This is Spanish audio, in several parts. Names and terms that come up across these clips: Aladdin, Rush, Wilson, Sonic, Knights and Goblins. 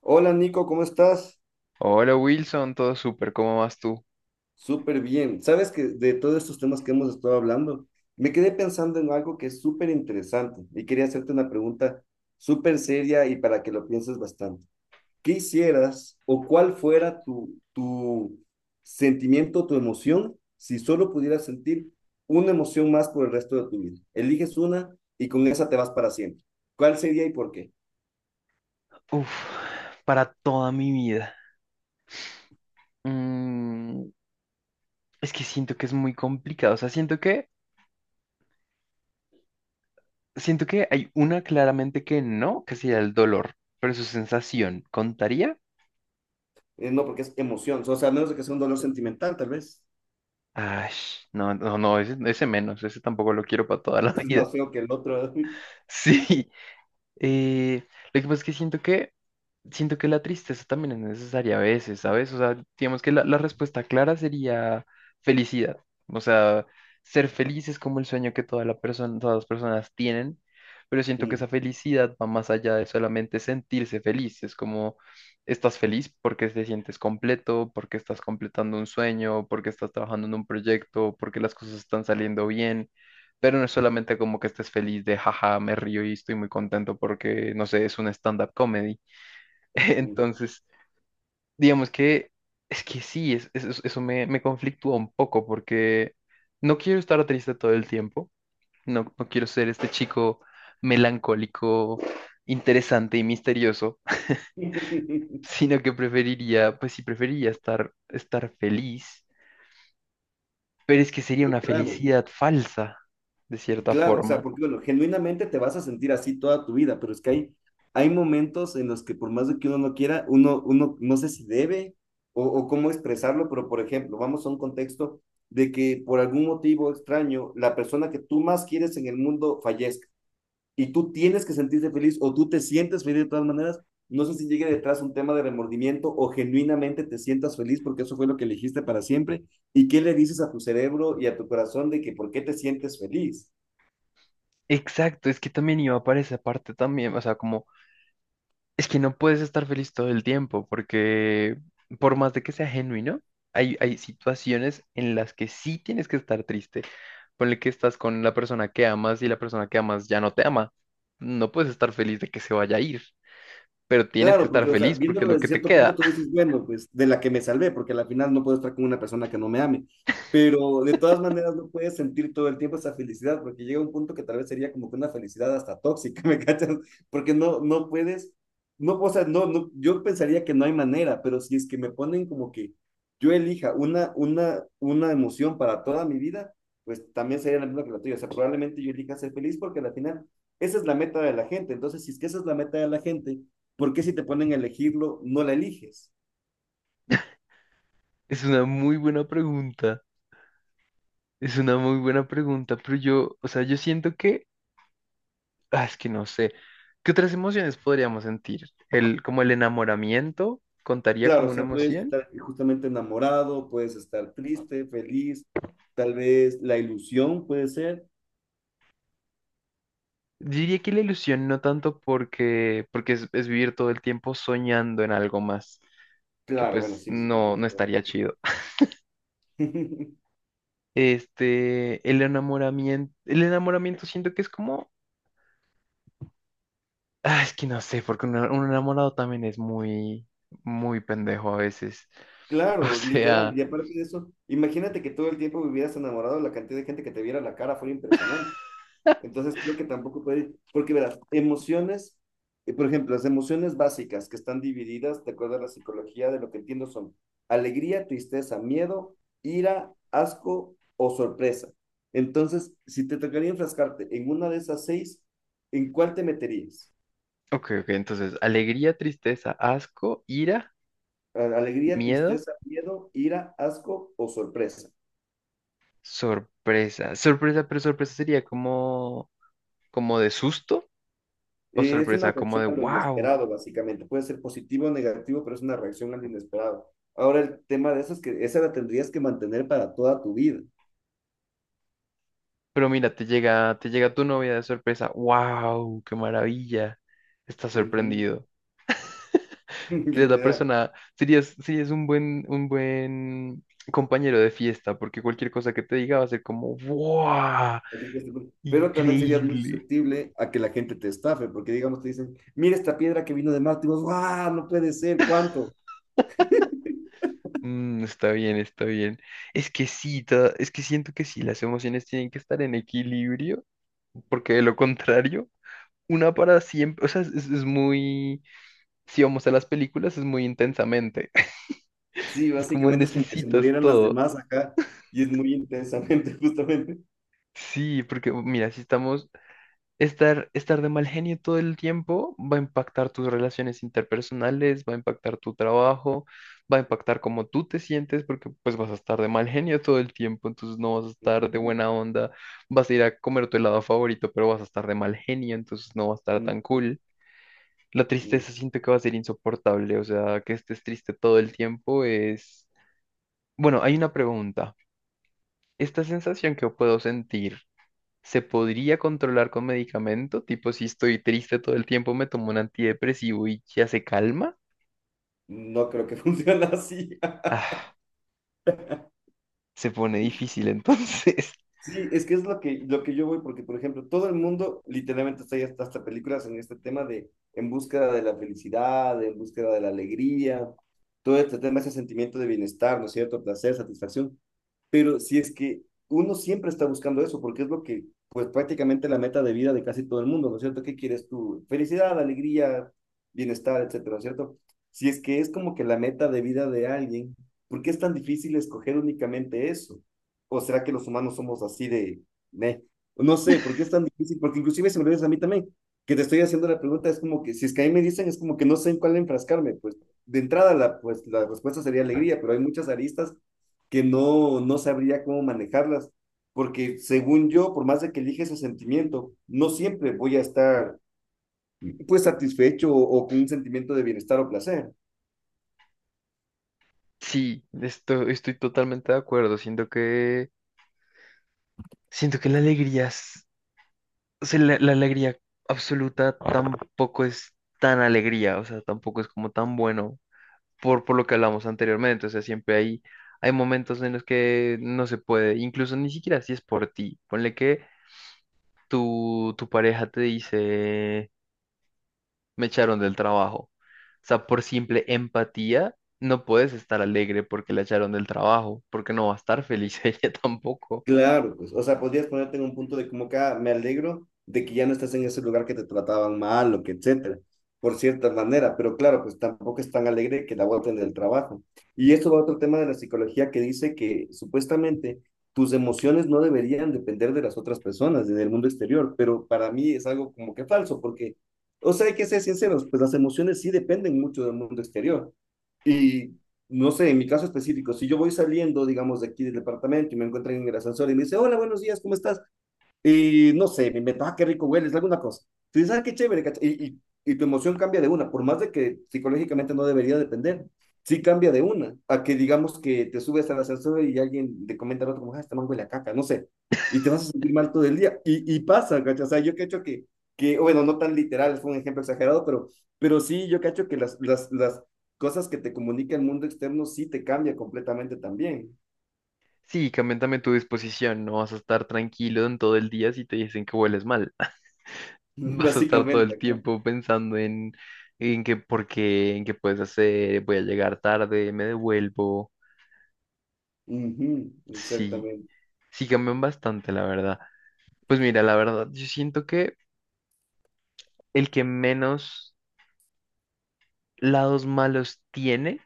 Hola Nico, ¿cómo estás? Hola Wilson, todo súper, ¿cómo vas tú? Súper bien. Sabes que de todos estos temas que hemos estado hablando, me quedé pensando en algo que es súper interesante y quería hacerte una pregunta súper seria y para que lo pienses bastante. ¿Qué hicieras o cuál fuera tu sentimiento, tu emoción, si solo pudieras sentir una emoción más por el resto de tu vida? Eliges una y con esa te vas para siempre. ¿Cuál sería y por qué? Uf, para toda mi vida. Mm, es que siento que es muy complicado. O sea, siento que hay una claramente que no, que sería el dolor, pero su sensación, ¿contaría? No, porque es emoción, o sea, a menos de que sea un dolor sentimental, tal vez. Ay, no, no, no, ese menos, ese tampoco lo quiero para toda la Este es vida. más feo que el otro. Sí, Eh, lo que pasa es que siento que la tristeza también es necesaria a veces, ¿sabes? O sea, digamos que la respuesta clara sería felicidad. O sea, ser feliz es como el sueño que todas las personas tienen, pero siento que Mm, esa felicidad va más allá de solamente sentirse feliz. Es como, estás feliz porque te sientes completo, porque estás completando un sueño, porque estás trabajando en un proyecto, porque las cosas están saliendo bien. Pero no es solamente como que estés feliz de jaja, me río y estoy muy contento porque, no sé, es un stand-up comedy. mm. Entonces, digamos que es que sí, eso me conflictúa un poco porque no quiero estar triste todo el tiempo, no quiero ser este chico melancólico, interesante y misterioso, sino que preferiría, pues sí, preferiría estar feliz, pero es que sería una Claro, felicidad falsa, de cierta claro, o sea, forma. porque bueno, genuinamente te vas a sentir así toda tu vida, pero es que hay momentos en los que por más de que uno no quiera, uno no sé si debe o cómo expresarlo, pero por ejemplo, vamos a un contexto de que por algún motivo extraño, la persona que tú más quieres en el mundo fallezca. Y tú tienes que sentirte feliz o tú te sientes feliz de todas maneras, no sé si llegue detrás un tema de remordimiento o genuinamente te sientas feliz porque eso fue lo que elegiste para siempre. ¿Y qué le dices a tu cerebro y a tu corazón de que por qué te sientes feliz? Exacto, es que también iba para esa parte también, o sea, como es que no puedes estar feliz todo el tiempo porque por más de que sea genuino, hay situaciones en las que sí tienes que estar triste. Ponle que estás con la persona que amas y la persona que amas ya no te ama. No puedes estar feliz de que se vaya a ir, pero tienes que Claro, estar porque o sea, feliz porque viéndolo es lo desde que te cierto punto queda. tú dices, bueno, pues de la que me salvé, porque al final no puedo estar con una persona que no me ame, pero de todas maneras no puedes sentir todo el tiempo esa felicidad, porque llega un punto que tal vez sería como que una felicidad hasta tóxica, ¿me cachas? Porque no puedes, no, o sea, no, no, yo pensaría que no hay manera, pero si es que me ponen como que yo elija una emoción para toda mi vida, pues también sería la misma que la tuya, o sea, probablemente yo elija ser feliz porque al final esa es la meta de la gente, entonces si es que esa es la meta de la gente, ¿por qué si te ponen a elegirlo, no la eliges? Es una muy buena pregunta, es una muy buena pregunta, pero yo, o sea, yo siento que es que no sé. ¿Qué otras emociones podríamos sentir? Como el enamoramiento contaría Claro, como o una sea, puedes emoción. estar justamente enamorado, puedes estar triste, feliz, tal vez la ilusión puede ser. Diría que la ilusión no tanto porque es vivir todo el tiempo soñando en algo más, que Claro, bueno, pues sí, sí, sí, no estaría sí. chido. El enamoramiento siento que es como, es que no sé, porque un enamorado también es muy, muy pendejo a veces. O Claro, sea, literal. Y aparte de eso, imagínate que todo el tiempo vivieras enamorado, la cantidad de gente que te viera la cara fue impresionante. Entonces creo que tampoco puede ir, porque verás, emociones, por ejemplo, las emociones básicas que están divididas, de acuerdo a la psicología, de lo que entiendo son alegría, tristeza, miedo, ira, asco o sorpresa. Entonces, si te tocaría enfrascarte en una de esas seis, ¿en cuál te meterías? ok, ok, entonces, alegría, tristeza, asco, ira, Alegría, miedo. tristeza, miedo, ira, asco o sorpresa. Sorpresa. Sorpresa, pero sorpresa sería como de susto o Es una sorpresa como reacción de a lo wow. inesperado, básicamente. Puede ser positivo o negativo, pero es una reacción a lo inesperado. Ahora, el tema de eso es que esa la tendrías que mantener para toda tu vida. Pero mira, te llega tu novia de sorpresa. ¡Wow! ¡Qué maravilla! Estás Ujú. sorprendido. Serías la Literal. persona, serías, Serías un buen compañero de fiesta, porque cualquier cosa que te diga va a ser como ¡Wow! Cualquier cosa. Pero también serías muy ¡Increíble! susceptible a que la gente te estafe, porque digamos te dicen, mira esta piedra que vino de Marte, y vos, ¡guau! No puede ser, ¿cuánto? Está bien, está bien. Es que sí, es que siento que sí, las emociones tienen que estar en equilibrio, porque de lo contrario, una para siempre, o sea, muy, si vamos a las películas, es muy intensamente. Sí, Es como básicamente es como que se necesitas murieran las todo. demás acá, y es muy intensamente, justamente. Sí, porque mira, si estamos, estar, estar de mal genio todo el tiempo va a impactar tus relaciones interpersonales, va a impactar tu trabajo, va a impactar cómo tú te sientes, porque pues vas a estar de mal genio todo el tiempo, entonces no vas a estar de Ujú, buena onda, vas a ir a comer tu helado favorito, pero vas a estar de mal genio, entonces no va a estar tan ujú, cool. La ujú. tristeza siento que va a ser insoportable, o sea, que estés triste todo el tiempo es. Bueno, hay una pregunta. ¿Esta sensación que puedo sentir se podría controlar con medicamento? Tipo, si estoy triste todo el tiempo, me tomo un antidepresivo y ya se calma. No creo que funcione así. Ah, se pone difícil entonces. Sí, es que es lo que yo voy, porque por ejemplo, todo el mundo literalmente está ya hasta, hasta películas en este tema de en búsqueda de la felicidad, en búsqueda de la alegría, todo este tema, ese sentimiento de bienestar, ¿no es cierto? Placer, satisfacción. Pero si es que uno siempre está buscando eso, porque es lo que, pues prácticamente la meta de vida de casi todo el mundo, ¿no es cierto? ¿Qué quieres tú? Felicidad, alegría, bienestar, etcétera, ¿no es cierto? Si es que es como que la meta de vida de alguien, ¿por qué es tan difícil escoger únicamente eso? ¿O será que los humanos somos así de, meh? No sé, ¿por qué es tan difícil? Porque inclusive si me lo dices a mí también, que te estoy haciendo la pregunta, es como que, si es que a mí me dicen, es como que no sé en cuál enfrascarme, pues de entrada la, pues, la respuesta sería alegría, pero hay muchas aristas que no sabría cómo manejarlas, porque según yo, por más de que elige ese sentimiento, no siempre voy a estar pues satisfecho o con un sentimiento de bienestar o placer. Sí, estoy totalmente de acuerdo. Siento que la alegría, O sea, la alegría absoluta tampoco es tan alegría, o sea, tampoco es como tan bueno por lo que hablamos anteriormente. O sea, siempre hay momentos en los que no se puede, incluso ni siquiera si es por ti. Ponle que tu pareja te dice, me echaron del trabajo. O sea, por simple empatía, no puedes estar alegre porque la echaron del trabajo, porque no va a estar feliz ella tampoco. Claro, pues, o sea, podrías ponerte en un punto de como que "Ah, me alegro de que ya no estás en ese lugar que te trataban mal o que etcétera, por cierta manera, pero claro, pues tampoco es tan alegre que la boten del trabajo. Y esto va a otro tema de la psicología que dice que supuestamente tus emociones no deberían depender de las otras personas en el mundo exterior, pero para mí es algo como que falso, porque, o sea, hay que ser sinceros, pues las emociones sí dependen mucho del mundo exterior. Y no sé, en mi caso específico, si yo voy saliendo, digamos, de aquí del departamento y me encuentran en el ascensor y me dice, hola, buenos días, ¿cómo estás? Y no sé, me invento, ah, qué rico hueles, alguna cosa. Tú dices, ah, qué chévere, y, y tu emoción cambia de una, por más de que psicológicamente no debería depender, sí cambia de una, a que digamos que te subes al ascensor y alguien te comenta al otro, como, ah, este man huele a caca, no sé, y te vas a sentir mal todo el día. Y pasa, ¿cachai? O sea, yo cacho que, bueno, no tan literal, fue un ejemplo exagerado, pero sí, yo cacho que las cosas que te comunica el mundo externo sí te cambia completamente también, Sí, cambian también tu disposición, no vas a estar tranquilo en todo el día si te dicen que hueles mal. Vas a estar todo básicamente el acá. tiempo pensando en qué, por qué, en qué puedes hacer, voy a llegar tarde, me devuelvo. Ujú, Sí, exactamente. sí cambian bastante, la verdad. Pues mira, la verdad, yo siento que el que menos lados malos tiene,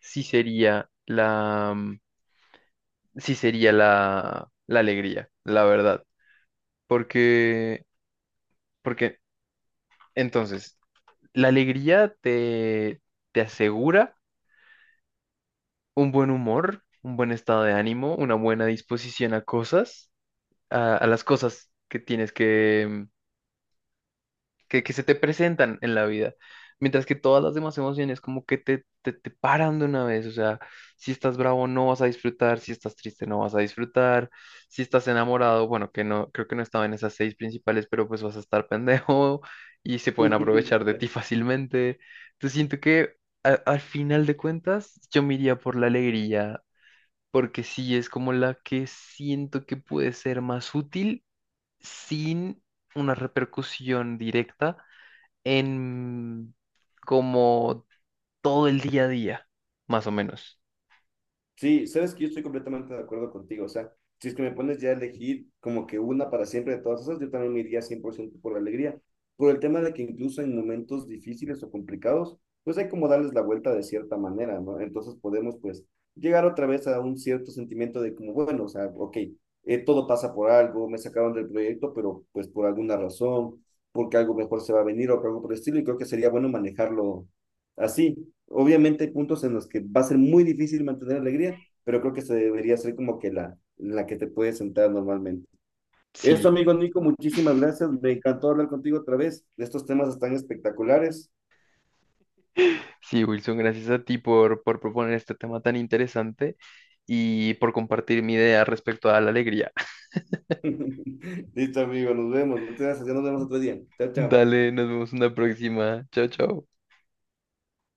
sí sería la, mm, sí sería la, la alegría, la verdad. Porque, Porque entonces, la alegría te asegura un buen humor, un buen estado de ánimo, una buena disposición a las cosas que tienes que se te presentan en la vida. Mientras que todas las demás emociones como que te paran de una vez, o sea, si estás bravo no vas a disfrutar, si estás triste no vas a disfrutar, si estás enamorado, bueno, que no, creo que no estaba en esas seis principales, pero pues vas a estar pendejo y se pueden aprovechar de ti fácilmente. Entonces siento que al final de cuentas, yo me iría por la alegría porque sí es como la que siento que puede ser más útil sin una repercusión directa en como todo el día a día, más o menos. Sí, sabes que yo estoy completamente de acuerdo contigo. O sea, si es que me pones ya a elegir como que una para siempre de todas esas, yo también me iría 100% por ciento por la alegría. Por el tema de que incluso en momentos difíciles o complicados, pues hay como darles la vuelta de cierta manera, ¿no? Entonces podemos pues llegar otra vez a un cierto sentimiento de como, bueno, o sea, ok, todo pasa por algo, me sacaron del proyecto, pero pues por alguna razón, porque algo mejor se va a venir o algo por el estilo, y creo que sería bueno manejarlo así. Obviamente hay puntos en los que va a ser muy difícil mantener alegría, pero creo que se debería ser como que la que te puedes sentar normalmente. Sí, Eso, amigo Nico, muchísimas gracias. Me encantó hablar contigo otra vez. Estos temas están espectaculares. sí, Wilson, gracias a ti por proponer este tema tan interesante y por compartir mi idea respecto a la alegría. Listo, amigo, nos vemos. Muchas gracias. Ya nos vemos otro día. Chao, chao. Dale, nos vemos en la próxima. Chao, chao.